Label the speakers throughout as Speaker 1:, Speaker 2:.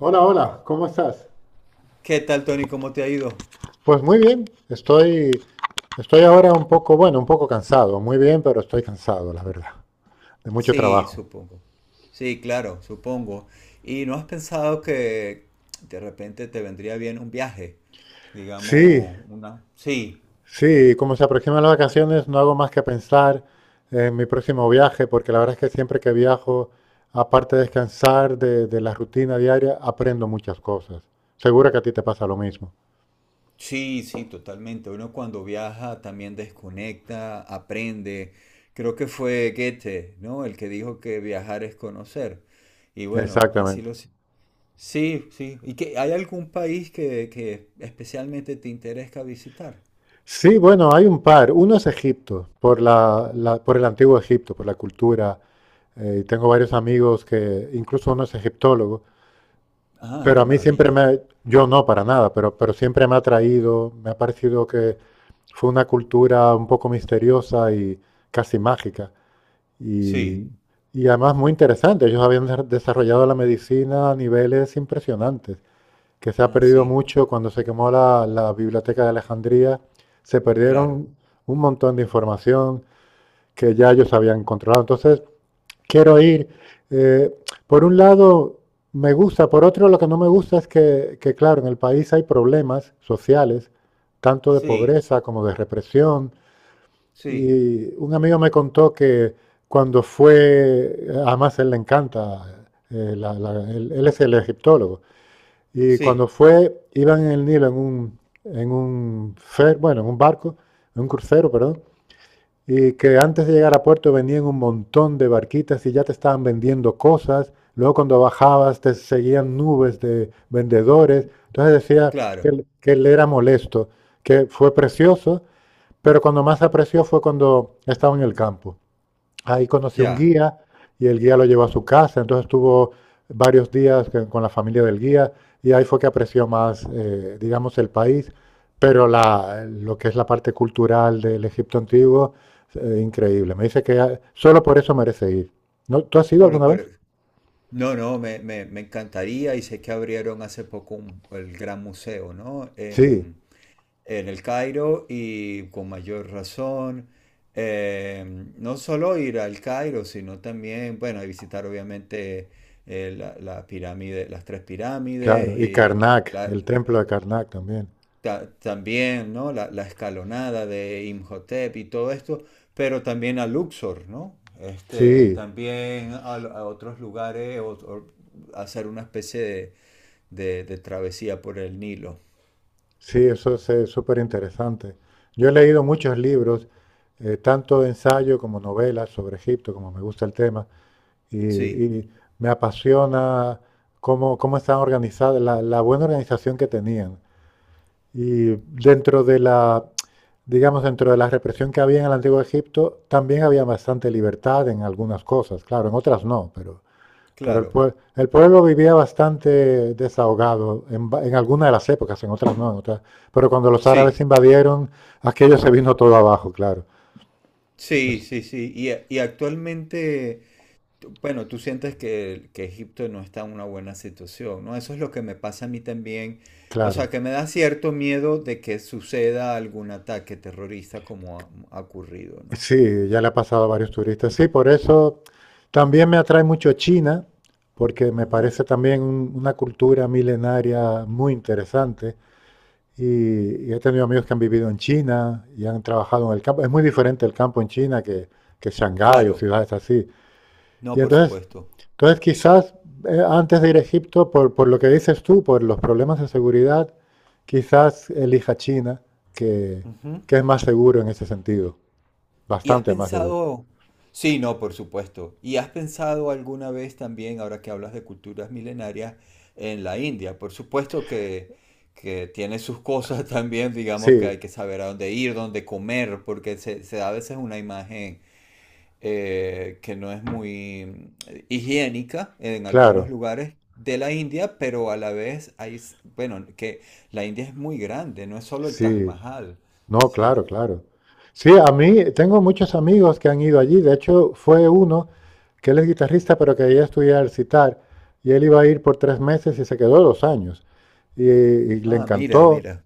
Speaker 1: Hola, hola, ¿cómo estás?
Speaker 2: ¿Qué tal, Tony? ¿Cómo te ha ido?
Speaker 1: Pues muy bien, estoy ahora un poco, bueno, un poco cansado, muy bien, pero estoy cansado, la verdad, de mucho
Speaker 2: Sí,
Speaker 1: trabajo.
Speaker 2: supongo. Sí, claro, supongo. ¿Y no has pensado que de repente te vendría bien un viaje?
Speaker 1: Sí,
Speaker 2: Digamos, una... Sí,
Speaker 1: sí, como se aproximan las vacaciones, no hago más que pensar en mi próximo viaje, porque la verdad es que siempre que viajo, aparte de descansar de la rutina diaria, aprendo muchas cosas. Seguro que a ti te pasa lo mismo.
Speaker 2: sí, sí, totalmente. Uno cuando viaja también desconecta, aprende. Creo que fue Goethe, ¿no? El que dijo que viajar es conocer. Y bueno, así
Speaker 1: Exactamente.
Speaker 2: lo... Sí, sí. ¿Y que hay algún país que especialmente te interesa visitar?
Speaker 1: Sí, bueno, hay un par. Uno es Egipto, por por el antiguo Egipto, por la cultura, y tengo varios amigos que, incluso uno es egiptólogo,
Speaker 2: Ah,
Speaker 1: pero a
Speaker 2: qué
Speaker 1: mí siempre
Speaker 2: maravilla.
Speaker 1: me, yo no para nada, pero siempre me ha atraído, me ha parecido que fue una cultura un poco misteriosa y casi mágica. Y,
Speaker 2: Sí.
Speaker 1: y además muy interesante, ellos habían desarrollado la medicina a niveles impresionantes, que se ha
Speaker 2: Ah,
Speaker 1: perdido
Speaker 2: sí,
Speaker 1: mucho cuando se quemó la biblioteca de Alejandría, se
Speaker 2: claro.
Speaker 1: perdieron un montón de información que ya ellos habían controlado. Entonces, quiero ir. Eh, por un lado, me gusta, por otro, lo que no me gusta es claro, en el país hay problemas sociales, tanto de
Speaker 2: Sí,
Speaker 1: pobreza como de represión.
Speaker 2: sí,
Speaker 1: Y un amigo me contó que cuando fue, además él le encanta, es el egiptólogo, y cuando
Speaker 2: sí,
Speaker 1: fue, iban en el Nilo en un fer, bueno, en un barco, en un crucero, perdón, y que antes de llegar a puerto venían un montón de barquitas y ya te estaban vendiendo cosas. Luego cuando bajabas te seguían nubes de vendedores. Entonces decía que,
Speaker 2: claro.
Speaker 1: que él era molesto, que fue precioso, pero cuando más apreció fue cuando estaba en el campo. Ahí conoció un
Speaker 2: Ya.
Speaker 1: guía y el guía lo llevó a su casa, entonces estuvo varios días con la familia del guía y ahí fue que apreció más, digamos, el país, pero lo que es la parte cultural del Egipto antiguo, increíble. Me dice que ah, solo por eso merece ir. ¿No? ¿Tú has ido
Speaker 2: Polo,
Speaker 1: alguna
Speaker 2: Polo.
Speaker 1: vez?
Speaker 2: No, no, me encantaría y sé que abrieron hace poco el gran museo, ¿no?
Speaker 1: Sí,
Speaker 2: En el Cairo y con mayor razón. eh, no solo ir al Cairo, sino también, bueno, y visitar obviamente la pirámide, las tres pirámides
Speaker 1: claro. Y
Speaker 2: y
Speaker 1: Karnak,
Speaker 2: la,
Speaker 1: el templo de Karnak también.
Speaker 2: también, ¿no? La escalonada de Imhotep y todo esto, pero también a Luxor, ¿no? Este,
Speaker 1: Sí,
Speaker 2: también a otros lugares, o hacer una especie de, de travesía por el Nilo.
Speaker 1: sí, eso es súper interesante. Yo he leído muchos libros, tanto de ensayo como novelas sobre Egipto, como me gusta el tema, y,
Speaker 2: Sí,
Speaker 1: y me apasiona cómo están organizadas, la buena organización que tenían. Y dentro de la, digamos, dentro de la represión que había en el antiguo Egipto, también había bastante libertad en algunas cosas, claro, en otras no, pero pero el,
Speaker 2: claro.
Speaker 1: pue- el pueblo vivía bastante desahogado en alguna de las épocas, en otras no, en otras. Pero cuando los árabes
Speaker 2: Sí,
Speaker 1: invadieron, aquello se vino todo abajo, claro.
Speaker 2: sí,
Speaker 1: Es-
Speaker 2: sí, sí. Y actualmente bueno, tú sientes que Egipto no está en una buena situación, ¿no? Eso es lo que me pasa a mí también. O
Speaker 1: Claro.
Speaker 2: sea, que me da cierto miedo de que suceda algún ataque terrorista como ha ocurrido, ¿no?
Speaker 1: Sí, ya le ha pasado a varios turistas. Sí, por eso también me atrae mucho China, porque me
Speaker 2: Ajá.
Speaker 1: parece también una cultura milenaria muy interesante. Y he tenido amigos que han vivido en China y han trabajado en el campo. Es muy diferente el campo en China que Shanghái o
Speaker 2: Claro.
Speaker 1: ciudades así. Y
Speaker 2: No, por
Speaker 1: entonces,
Speaker 2: supuesto.
Speaker 1: entonces quizás antes de ir a Egipto, por lo que dices tú, por los problemas de seguridad, quizás elija China, que,
Speaker 2: Ujú.
Speaker 1: que es más seguro en ese sentido,
Speaker 2: ¿Y has
Speaker 1: bastante más seguro.
Speaker 2: pensado, sí, no, por supuesto, ¿y has pensado alguna vez también, ahora que hablas de culturas milenarias, en la India? Por supuesto que tiene sus cosas también, digamos que
Speaker 1: Sí,
Speaker 2: hay que saber a dónde ir, dónde comer, porque se da a veces una imagen que no es muy higiénica en algunos
Speaker 1: claro,
Speaker 2: lugares de la India, pero a la vez hay, bueno, que la India es muy grande, no es solo el Taj
Speaker 1: sí,
Speaker 2: Mahal.
Speaker 1: no,
Speaker 2: Sí.
Speaker 1: claro, claro. Sí, a mí tengo muchos amigos que han ido allí. De hecho fue uno que él es guitarrista, pero que ya estudiaba el sitar, y él iba a ir por tres meses y se quedó dos años, y le
Speaker 2: Ah, mira,
Speaker 1: encantó.
Speaker 2: mira,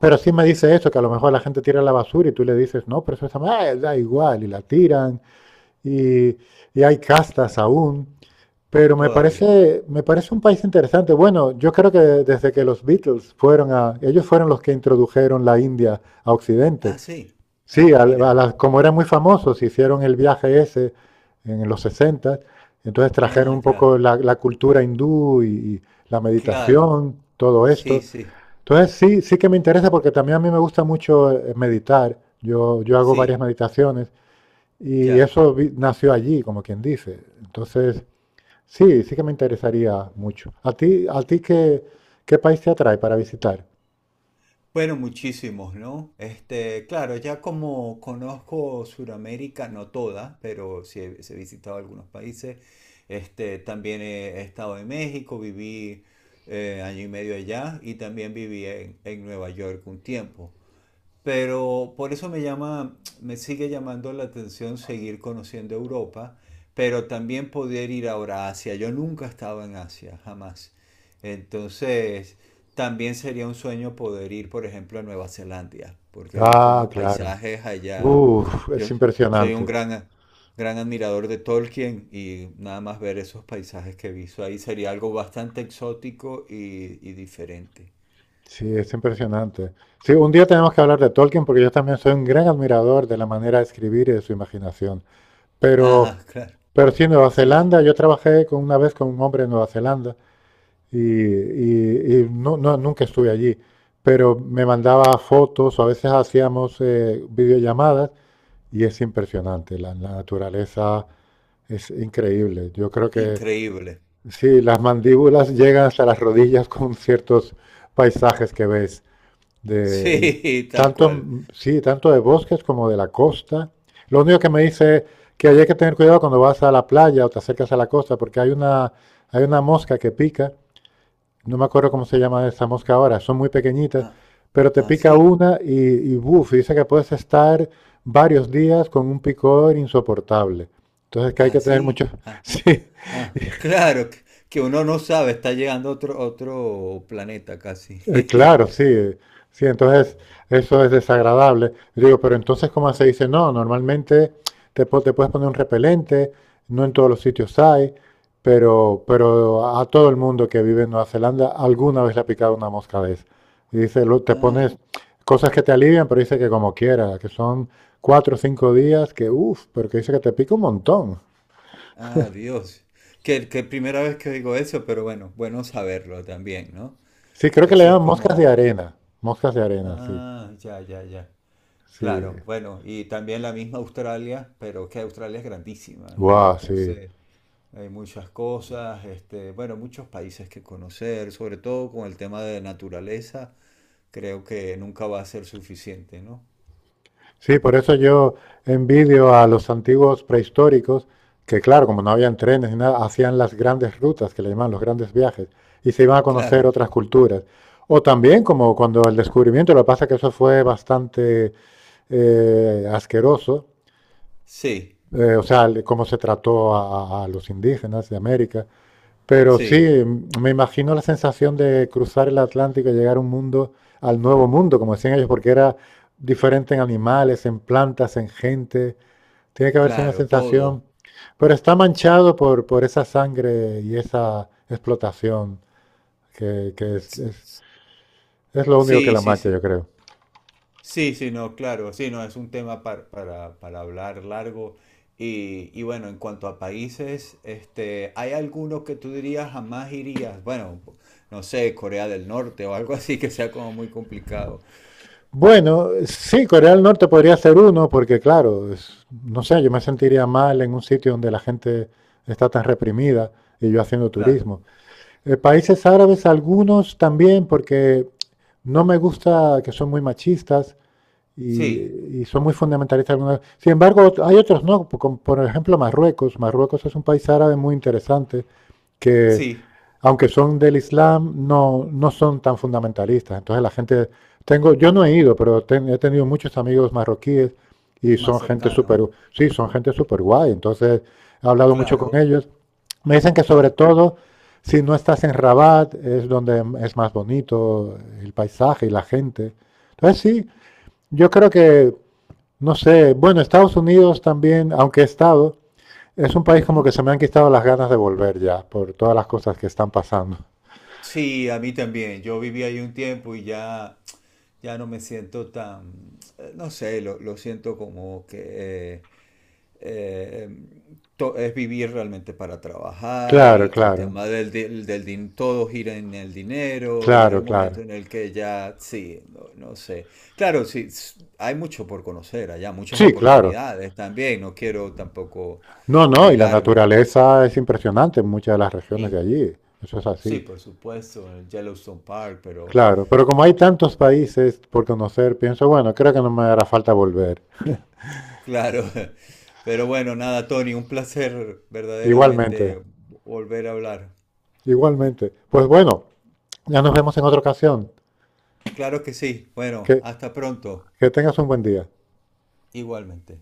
Speaker 1: Pero sí me dice eso, que a lo mejor la gente tira la basura y tú le dices, no, pero eso está mal. "Ah, da igual", y la tiran, y, y hay castas aún. Pero
Speaker 2: todavía.
Speaker 1: me parece un país interesante. Bueno, yo creo que desde que los Beatles fueron a, ellos fueron los que introdujeron la India a
Speaker 2: Ah,
Speaker 1: Occidente.
Speaker 2: sí.
Speaker 1: Sí,
Speaker 2: Ah, mira.
Speaker 1: como eran muy famosos, hicieron el viaje ese en los 60, entonces
Speaker 2: Ah,
Speaker 1: trajeron un
Speaker 2: ya.
Speaker 1: poco la cultura hindú y la
Speaker 2: Claro.
Speaker 1: meditación, todo
Speaker 2: Sí,
Speaker 1: esto.
Speaker 2: sí.
Speaker 1: Entonces sí, sí que me interesa porque también a mí me gusta mucho meditar. Yo hago varias
Speaker 2: Sí,
Speaker 1: meditaciones y
Speaker 2: ya.
Speaker 1: eso nació allí, como quien dice. Entonces, sí, sí que me interesaría mucho. A ti qué, qué país te atrae para visitar?
Speaker 2: Bueno, muchísimos, ¿no? Este, claro, ya como conozco Sudamérica, no toda, pero sí he visitado algunos países. Este, también he, he estado en México, viví año y medio allá y también viví en Nueva York un tiempo. Pero por eso me llama, me sigue llamando la atención seguir conociendo Europa, pero también poder ir ahora a Asia. Yo nunca he estado en Asia, jamás. Entonces, también sería un sueño poder ir, por ejemplo, a Nueva Zelanda, porque he visto
Speaker 1: Ah,
Speaker 2: unos
Speaker 1: claro.
Speaker 2: paisajes allá.
Speaker 1: Uf, es
Speaker 2: Yo soy un
Speaker 1: impresionante.
Speaker 2: gran, gran admirador de Tolkien y nada más ver esos paisajes que he visto ahí sería algo bastante exótico y diferente.
Speaker 1: Sí, es impresionante. Sí, un día tenemos que hablar de Tolkien porque yo también soy un gran admirador de la manera de escribir y de su imaginación. Pero,
Speaker 2: Ah, claro,
Speaker 1: pero sí, Nueva
Speaker 2: sí,
Speaker 1: Zelanda, yo trabajé con, una vez con un hombre en Nueva Zelanda y no, no, nunca estuve allí, pero me mandaba fotos o a veces hacíamos videollamadas y es impresionante, la naturaleza es increíble. Yo creo que
Speaker 2: increíble.
Speaker 1: sí, las mandíbulas llegan hasta las rodillas con ciertos paisajes que ves, de,
Speaker 2: Sí, tal
Speaker 1: tanto,
Speaker 2: cual.
Speaker 1: sí, tanto de bosques como de la costa. Lo único que me dice que hay que tener cuidado cuando vas a la playa o te acercas a la costa porque hay hay una mosca que pica, no me acuerdo cómo se llama esa mosca ahora, son muy pequeñitas,
Speaker 2: Ah,
Speaker 1: pero te pica
Speaker 2: así,
Speaker 1: una y buf, dice que puedes estar varios días con un picor insoportable.
Speaker 2: así.
Speaker 1: Entonces que hay
Speaker 2: Ah,
Speaker 1: que tener mucho,
Speaker 2: sí, ah.
Speaker 1: sí.
Speaker 2: Ah. Claro, que uno no sabe, está llegando otro, otro planeta casi.
Speaker 1: Claro, sí, sí, entonces eso es desagradable. Yo digo, pero entonces, ¿cómo se dice? No, normalmente te puedes poner un repelente, no en todos los sitios hay, pero a todo el mundo que vive en Nueva Zelanda alguna vez le ha picado una mosca de esa. Y dice, te
Speaker 2: Ah,
Speaker 1: pones cosas que te alivian, pero dice que como quiera, que son cuatro o cinco días, que uff, pero que dice que te pica un montón.
Speaker 2: ah, Dios. Que primera vez que digo eso, pero bueno, bueno saberlo también, ¿no?
Speaker 1: Sí, creo que le
Speaker 2: Eso es
Speaker 1: llaman
Speaker 2: como,
Speaker 1: moscas de arena, sí,
Speaker 2: ah, ya, ya, ya.
Speaker 1: sí.
Speaker 2: Claro, bueno, y también la misma Australia, pero que Australia es grandísima, y
Speaker 1: Guau, sí.
Speaker 2: entonces... Hay muchas cosas, este, bueno, muchos países que conocer, sobre todo con el tema de naturaleza, creo que nunca va a ser suficiente, ¿no?
Speaker 1: Sí, por eso yo envidio a los antiguos prehistóricos que, claro, como no habían trenes ni nada, hacían las grandes rutas, que le llaman los grandes viajes, y se iban a conocer
Speaker 2: Claro,
Speaker 1: otras culturas. O también como cuando el descubrimiento, lo que pasa es que eso fue bastante asqueroso,
Speaker 2: sí,
Speaker 1: o sea, cómo se trató a los indígenas de América. Pero sí,
Speaker 2: sí,
Speaker 1: me imagino la sensación de cruzar el Atlántico y llegar a un mundo, al nuevo mundo, como decían ellos, porque era diferente en animales, en plantas, en gente, tiene que haber sido una
Speaker 2: claro,
Speaker 1: sensación,
Speaker 2: todo.
Speaker 1: pero está manchado por esa sangre y esa explotación, que, que es, es-
Speaker 2: S-
Speaker 1: es lo único que
Speaker 2: Sí,
Speaker 1: la
Speaker 2: sí,
Speaker 1: mancha, yo
Speaker 2: sí.
Speaker 1: creo.
Speaker 2: Sí, sí, no, claro, sí, no, es un tema para hablar largo. Y bueno, en cuanto a países, este, ¿hay alguno que tú dirías jamás irías? Bueno, no sé, Corea del Norte o algo así que sea como muy complicado.
Speaker 1: Bueno, sí, Corea del Norte podría ser uno, porque claro, no sé, yo me sentiría mal en un sitio donde la gente está tan reprimida y yo haciendo
Speaker 2: Claro.
Speaker 1: turismo. Países árabes, algunos también, porque no me gusta que son muy machistas y,
Speaker 2: Sí,
Speaker 1: y son muy fundamentalistas algunos. Sin embargo, hay otros no, como por ejemplo Marruecos. Marruecos es un país árabe muy interesante que,
Speaker 2: sí,
Speaker 1: aunque son del Islam, no, no son tan fundamentalistas. Entonces la gente, tengo, yo no he ido, pero he tenido muchos amigos marroquíes y
Speaker 2: más
Speaker 1: son gente súper,
Speaker 2: cercano.
Speaker 1: sí, son gente súper guay. Entonces he hablado mucho
Speaker 2: Claro,
Speaker 1: con ellos. Me dicen que sobre
Speaker 2: claro, claro.
Speaker 1: todo, si no estás en Rabat, es donde es más bonito el paisaje y la gente. Entonces sí, yo creo que, no sé, bueno, Estados Unidos también, aunque he estado, es un país como
Speaker 2: Ujú.
Speaker 1: que se me han quitado las ganas de volver ya por todas las cosas que están pasando.
Speaker 2: Sí, a mí también. Yo viví ahí un tiempo y ya, ya no me siento tan, no sé, lo siento como que eh, es vivir realmente para trabajar
Speaker 1: Claro,
Speaker 2: y que el
Speaker 1: claro,
Speaker 2: tema del todo gira en el dinero y hay
Speaker 1: claro,
Speaker 2: un momento
Speaker 1: claro.
Speaker 2: en el que ya, sí, no, no sé. Claro, sí, hay mucho por conocer allá, muchas
Speaker 1: Sí, claro.
Speaker 2: oportunidades también. No quiero tampoco
Speaker 1: No, no, y la
Speaker 2: negarme.
Speaker 1: naturaleza es impresionante en muchas de las regiones de
Speaker 2: In-
Speaker 1: allí. Eso es
Speaker 2: Sí,
Speaker 1: así.
Speaker 2: por supuesto, el Yellowstone Park, pero
Speaker 1: Claro, pero como hay tantos países por conocer, pienso, bueno, creo que no me hará falta volver.
Speaker 2: claro. Pero bueno, nada, Tony, un placer
Speaker 1: Igualmente,
Speaker 2: verdaderamente volver a hablar.
Speaker 1: igualmente. Pues bueno, ya nos vemos en otra ocasión.
Speaker 2: Claro que sí.
Speaker 1: Que,
Speaker 2: Bueno, hasta pronto.
Speaker 1: que tengas un buen día.
Speaker 2: Igualmente.